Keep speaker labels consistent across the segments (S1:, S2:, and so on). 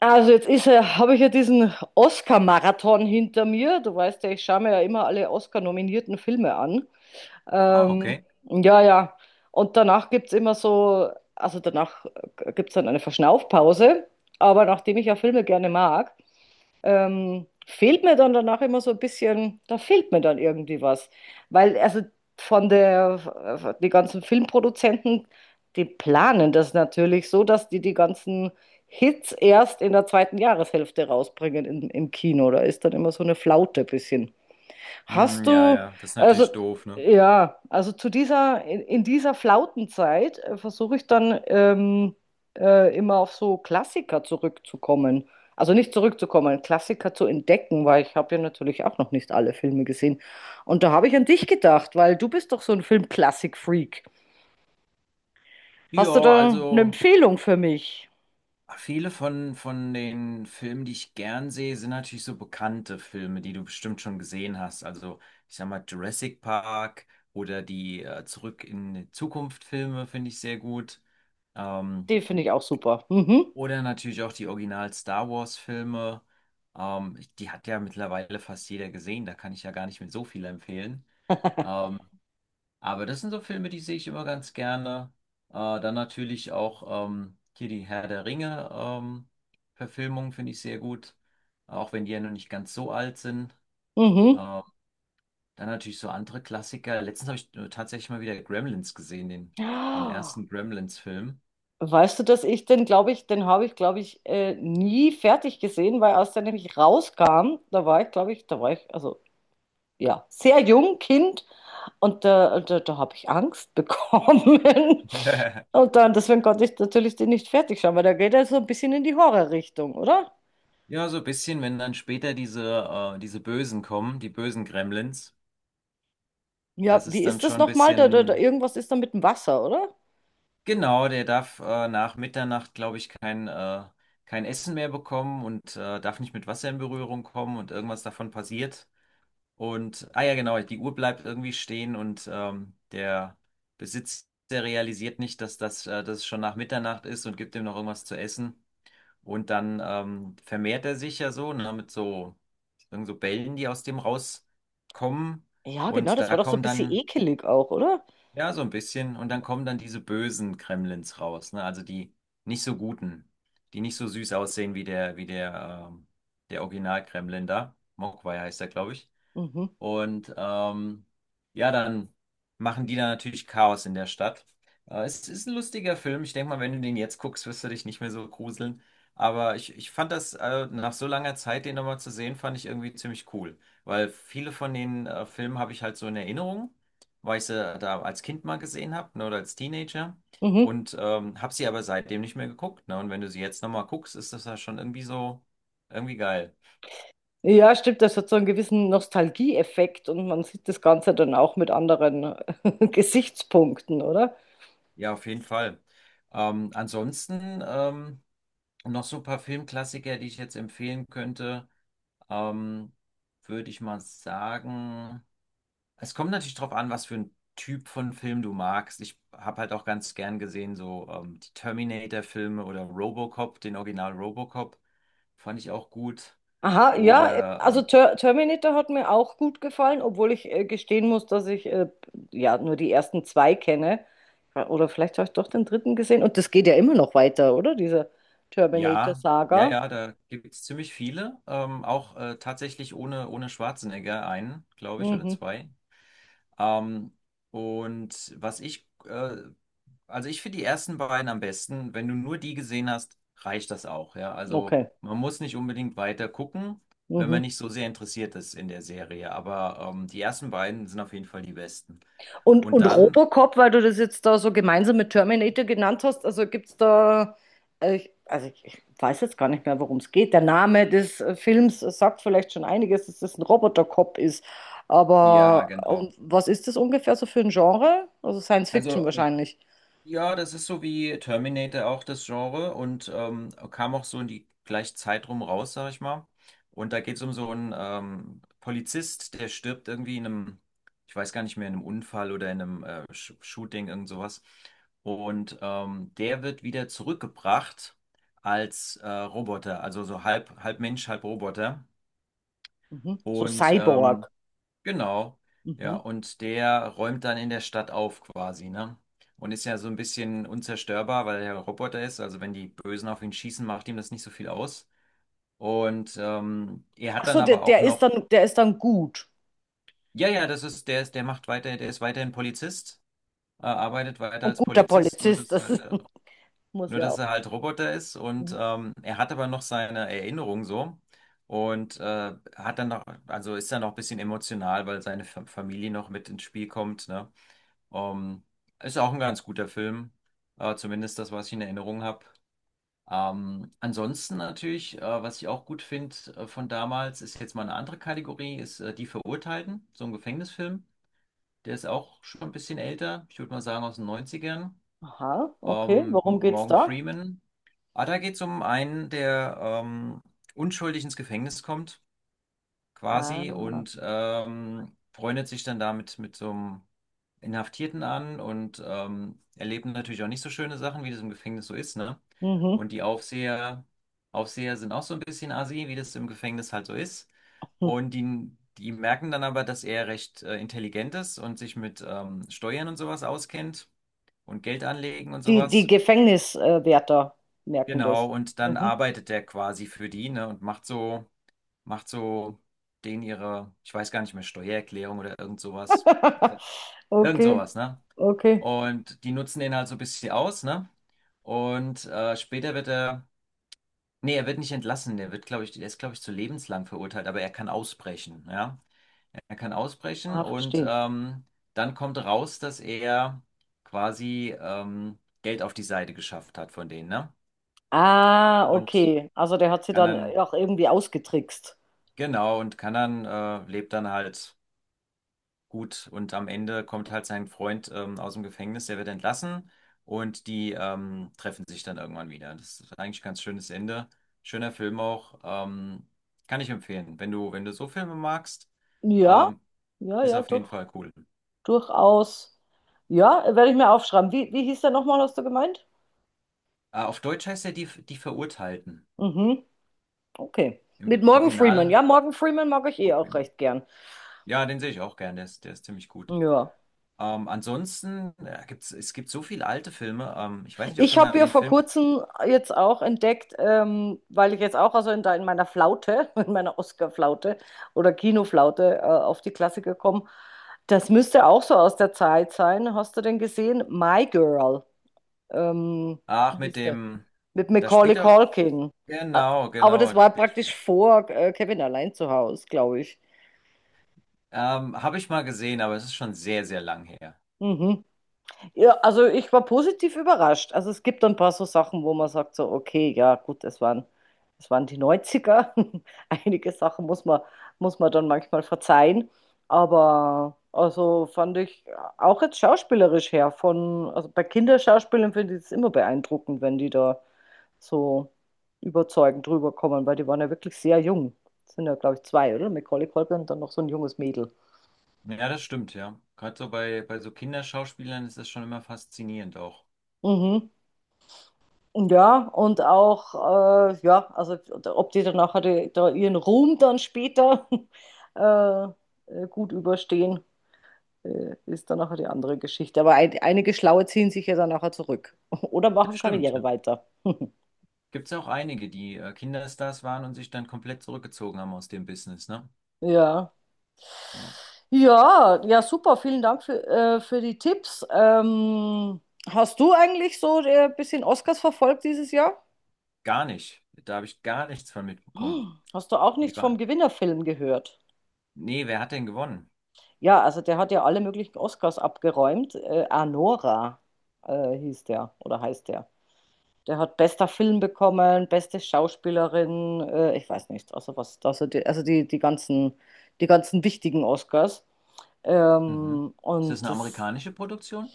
S1: Also jetzt ist ja, habe ich ja diesen Oscar-Marathon hinter mir. Du weißt ja, ich schaue mir ja immer alle Oscar-nominierten Filme an.
S2: Ah,
S1: Ähm,
S2: okay.
S1: ja, ja. Und danach gibt es immer so, also danach gibt es dann eine Verschnaufpause. Aber nachdem ich ja Filme gerne mag, fehlt mir dann danach immer so ein bisschen, da fehlt mir dann irgendwie was. Weil also von der, die ganzen Filmproduzenten, die planen das natürlich so, dass die die ganzen Hits erst in der zweiten Jahreshälfte rausbringen im Kino. Da ist dann immer so eine Flaute ein bisschen. Hast
S2: Hm, ja,
S1: du,
S2: ja, das ist
S1: also
S2: natürlich doof, ne?
S1: ja, also zu dieser, in dieser Flautenzeit versuche ich dann immer auf so Klassiker zurückzukommen. Also nicht zurückzukommen, Klassiker zu entdecken, weil ich habe ja natürlich auch noch nicht alle Filme gesehen. Und da habe ich an dich gedacht, weil du bist doch so ein Filmklassik-Freak. Hast du
S2: Ja,
S1: da eine
S2: also
S1: Empfehlung für mich?
S2: viele von den Filmen, die ich gern sehe, sind natürlich so bekannte Filme, die du bestimmt schon gesehen hast. Also, ich sag mal, Jurassic Park oder die Zurück in die Zukunft Filme finde ich sehr gut. Ähm,
S1: Den finde ich auch super. Mhm.
S2: oder natürlich auch die Original Star Wars Filme. Die hat ja mittlerweile fast jeder gesehen, da kann ich ja gar nicht mehr so viel empfehlen. Ähm, Aber das sind so Filme, die sehe ich immer ganz gerne. Äh, Dann natürlich auch hier die Herr der Ringe Verfilmung finde ich sehr gut, auch wenn die ja noch nicht ganz so alt sind.
S1: Mhm.
S2: Ähm, Dann natürlich so andere Klassiker. Letztens habe ich tatsächlich mal wieder Gremlins gesehen, den ersten Gremlins-Film.
S1: Weißt du, dass ich den, glaube ich, den habe ich, glaube ich, nie fertig gesehen, weil als der nämlich rauskam, da war ich, glaube ich, da war ich, also ja, sehr jung, Kind, und da habe ich Angst bekommen. Und dann, deswegen konnte ich natürlich den nicht fertig schauen, weil da geht er so ein bisschen in die Horrorrichtung, oder?
S2: Ja, so ein bisschen, wenn dann später diese Bösen kommen, die bösen Gremlins,
S1: Ja,
S2: das
S1: wie
S2: ist dann
S1: ist das
S2: schon ein
S1: nochmal?
S2: bisschen.
S1: Irgendwas ist da mit dem Wasser, oder?
S2: Genau, der darf nach Mitternacht, glaube ich, kein Essen mehr bekommen und darf nicht mit Wasser in Berührung kommen, und irgendwas davon passiert. Und, ah ja, genau, die Uhr bleibt irgendwie stehen und der Besitzer realisiert nicht, dass es schon nach Mitternacht ist, und gibt ihm noch irgendwas zu essen. Und dann vermehrt er sich ja so, ne, mit so, irgend so Bällen, die aus dem rauskommen.
S1: Ja, genau,
S2: Und
S1: das
S2: da
S1: war doch so ein
S2: kommen
S1: bisschen
S2: dann.
S1: ekelig auch, oder?
S2: Ja, so ein bisschen. Und dann kommen dann diese bösen Kremlins raus, ne? Also die nicht so guten, die nicht so süß aussehen wie wie der, der Original-Kremlin da. Mogwai heißt er, glaube ich.
S1: Mhm.
S2: Und ja, dann machen die da natürlich Chaos in der Stadt. Es ist ein lustiger Film. Ich denke mal, wenn du den jetzt guckst, wirst du dich nicht mehr so gruseln. Aber ich fand das, nach so langer Zeit, den nochmal zu sehen, fand ich irgendwie ziemlich cool. Weil viele von den Filmen habe ich halt so in Erinnerung, weil ich sie da als Kind mal gesehen habe, ne, oder als Teenager.
S1: Mhm.
S2: Und habe sie aber seitdem nicht mehr geguckt. Ne? Und wenn du sie jetzt nochmal guckst, ist das ja schon irgendwie so, irgendwie geil.
S1: Ja, stimmt, das hat so einen gewissen Nostalgieeffekt und man sieht das Ganze dann auch mit anderen Gesichtspunkten, oder?
S2: Ja, auf jeden Fall. Ansonsten noch so ein paar Filmklassiker, die ich jetzt empfehlen könnte, ähm, würde ich mal sagen. Es kommt natürlich drauf an, was für ein Typ von Film du magst. Ich habe halt auch ganz gern gesehen, so die Terminator-Filme oder Robocop, den Original Robocop, fand ich auch gut.
S1: Aha, ja,
S2: Oder
S1: also Terminator hat mir auch gut gefallen, obwohl ich gestehen muss, dass ich ja nur die ersten zwei kenne. Oder vielleicht habe ich doch den dritten gesehen und das geht ja immer noch weiter, oder? Diese
S2: ja, ja,
S1: Terminator-Saga.
S2: ja, da gibt es ziemlich viele. Auch tatsächlich ohne Schwarzenegger einen, glaube ich, oder
S1: Mhm.
S2: zwei. Ähm, und was ich, also ich finde die ersten beiden am besten. Wenn du nur die gesehen hast, reicht das auch, ja. Also
S1: Okay.
S2: man muss nicht unbedingt weiter gucken, wenn
S1: Mhm.
S2: man nicht so sehr interessiert ist in der Serie. Aber die ersten beiden sind auf jeden Fall die besten. Und
S1: Und
S2: dann,
S1: Robocop, weil du das jetzt da so gemeinsam mit Terminator genannt hast, also gibt es da, also ich weiß jetzt gar nicht mehr, worum es geht. Der Name des Films sagt vielleicht schon einiges, dass das ein Robotercop ist.
S2: ja,
S1: Aber
S2: genau.
S1: was ist das ungefähr so für ein Genre? Also Science Fiction
S2: Also
S1: wahrscheinlich.
S2: ja, das ist so wie Terminator auch das Genre, und kam auch so in die gleiche Zeit rum raus, sag ich mal. Und da geht es um so einen Polizist, der stirbt irgendwie in einem, ich weiß gar nicht mehr, in einem Unfall oder in einem Sh Shooting, irgend sowas. Und der wird wieder zurückgebracht als Roboter, also so halb, halb Mensch, halb Roboter.
S1: Mhm. So
S2: Und
S1: Cyborg.
S2: genau, ja,
S1: Mhm.
S2: und der räumt dann in der Stadt auf quasi, ne? Und ist ja so ein bisschen unzerstörbar, weil er ein Roboter ist. Also wenn die Bösen auf ihn schießen, macht ihm das nicht so viel aus. Und er hat
S1: Ach
S2: dann
S1: so, der,
S2: aber auch
S1: der ist
S2: noch,
S1: dann, der ist dann gut.
S2: ja, ja, das ist, der macht weiter, der ist weiterhin Polizist, arbeitet weiter
S1: Und
S2: als
S1: guter
S2: Polizist, nur
S1: Polizist,
S2: dass
S1: das
S2: halt,
S1: ist, muss
S2: nur
S1: ja
S2: dass
S1: auch.
S2: er halt Roboter ist, und
S1: Mhm.
S2: er hat aber noch seine Erinnerung so. Und hat dann noch, also ist dann noch ein bisschen emotional, weil seine Familie noch mit ins Spiel kommt, ne? Ähm, ist auch ein ganz guter Film, zumindest das, was ich in Erinnerung habe. Ansonsten natürlich, was ich auch gut finde von damals, ist jetzt mal eine andere Kategorie, ist Die Verurteilten, so ein Gefängnisfilm. Der ist auch schon ein bisschen älter, ich würde mal sagen aus den Neunzigern.
S1: Aha, okay, worum geht's
S2: Morgan
S1: da?
S2: Freeman. Ah, da geht es um einen, der unschuldig ins Gefängnis kommt, quasi,
S1: Ah,
S2: und freundet sich dann damit mit so einem Inhaftierten an, und erleben natürlich auch nicht so schöne Sachen, wie das im Gefängnis so ist, ne?
S1: mhm.
S2: Und Aufseher sind auch so ein bisschen assi, wie das im Gefängnis halt so ist.
S1: Hm.
S2: Und die merken dann aber, dass er recht intelligent ist und sich mit Steuern und sowas auskennt, und Geld anlegen und
S1: Die, die
S2: sowas.
S1: Gefängniswärter merken das.
S2: Genau, und dann
S1: Mhm.
S2: arbeitet der quasi für die, ne, und macht so denen ihre, ich weiß gar nicht mehr, Steuererklärung oder irgend sowas. Also irgend
S1: Okay,
S2: sowas, ne?
S1: okay.
S2: Und die nutzen den halt so ein bisschen aus, ne? Und später wird er, nee, er wird nicht entlassen, der wird, glaube ich, der ist, glaube ich, zu lebenslang verurteilt, aber er kann ausbrechen, ja. Er kann ausbrechen,
S1: Ah,
S2: und
S1: verstehe.
S2: dann kommt raus, dass er quasi Geld auf die Seite geschafft hat von denen, ne?
S1: Ah,
S2: Und
S1: okay. Also der hat sie
S2: kann
S1: dann
S2: dann,
S1: auch irgendwie ausgetrickst.
S2: genau, und kann dann, lebt dann halt. Gut, und am Ende kommt halt sein Freund aus dem Gefängnis, der wird entlassen, und die treffen sich dann irgendwann wieder. Das ist eigentlich ein ganz schönes Ende. Schöner Film auch. Kann ich empfehlen. Wenn du so Filme magst,
S1: Ja,
S2: ähm,
S1: ja,
S2: ist
S1: ja,
S2: auf jeden
S1: doch,
S2: Fall cool.
S1: durchaus. Ja, werde ich mir aufschreiben. Wie, wie hieß der nochmal, hast du gemeint?
S2: Auf Deutsch heißt er die Verurteilten.
S1: Mhm, okay.
S2: Im
S1: Mit Morgan Freeman.
S2: Original.
S1: Ja, Morgan Freeman mag ich eh auch recht gern.
S2: Ja, den sehe ich auch gern. Der ist ziemlich gut.
S1: Ja.
S2: Ansonsten gibt's, es gibt so viele alte Filme. Ich weiß nicht, ob du
S1: Ich
S2: mal
S1: habe ja
S2: den
S1: vor
S2: Film.
S1: kurzem jetzt auch entdeckt, weil ich jetzt auch also in, da in meiner Flaute, in meiner Oscar-Flaute oder Kinoflaute auf die Klassiker komme, das müsste auch so aus der Zeit sein. Hast du denn gesehen? My Girl, ähm,
S2: Ach, mit
S1: hieß der,
S2: dem.
S1: mit
S2: Da
S1: Macaulay
S2: spielt er.
S1: Culkin. Ä-
S2: Genau,
S1: Aber
S2: genau.
S1: das war
S2: Der Spiel.
S1: praktisch vor Kevin allein zu Hause, glaube ich.
S2: Habe ich mal gesehen, aber es ist schon sehr, sehr lang her.
S1: Mhm. Ja, also ich war positiv überrascht. Also es gibt ein paar so Sachen, wo man sagt so, okay, ja gut, es waren die Neunziger. Einige Sachen muss man dann manchmal verzeihen. Aber also fand ich auch jetzt schauspielerisch her von, also bei Kinderschauspielern finde ich es immer beeindruckend, wenn die da so überzeugend rüberkommen, weil die waren ja wirklich sehr jung. Das sind ja, glaube ich, zwei, oder? Macaulay Culkin und dann noch so ein junges Mädel.
S2: Ja, das stimmt, ja. Gerade so bei so Kinderschauspielern ist das schon immer faszinierend auch.
S1: Mhm. Ja, und auch, ja, also ob die dann nachher die, da ihren Ruhm dann später äh, gut überstehen, ist dann nachher die andere Geschichte. Aber ein, einige Schlaue ziehen sich ja dann nachher zurück oder
S2: Das
S1: machen
S2: stimmt, ja.
S1: Karriere weiter.
S2: Gibt es auch einige, die Kinderstars waren und sich dann komplett zurückgezogen haben aus dem Business, ne?
S1: Ja.
S2: Ja.
S1: Ja, ja, super. Vielen Dank für die Tipps. Hast du eigentlich so ein bisschen Oscars verfolgt dieses Jahr?
S2: Gar nicht. Da habe ich gar nichts von mitbekommen.
S1: Hm, hast du auch
S2: Wie
S1: nicht vom
S2: war?
S1: Gewinnerfilm gehört?
S2: Nee, wer hat denn gewonnen?
S1: Ja, also der hat ja alle möglichen Oscars abgeräumt. Anora hieß der oder heißt der. Der hat bester Film bekommen, beste Schauspielerin, ich weiß nicht, also was, also die, also die ganzen, die ganzen wichtigen Oscars.
S2: Mhm.
S1: Ähm,
S2: Ist das
S1: und
S2: eine
S1: das,
S2: amerikanische Produktion?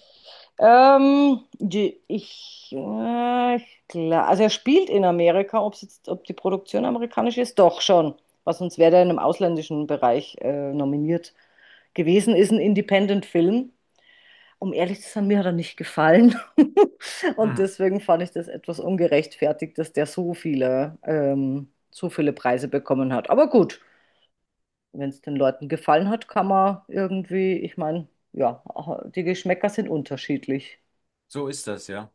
S1: ich klar, also er spielt in Amerika, ob jetzt, ob die Produktion amerikanisch ist, doch schon. Was sonst wäre der in einem ausländischen Bereich nominiert gewesen, ist ein Independent-Film, um ehrlich zu sein, mir hat er nicht gefallen. Und
S2: Mhm.
S1: deswegen fand ich das etwas ungerechtfertigt, dass der so viele Preise bekommen hat. Aber gut, wenn es den Leuten gefallen hat, kann man irgendwie, ich meine, ja, die Geschmäcker sind unterschiedlich.
S2: So ist das, ja.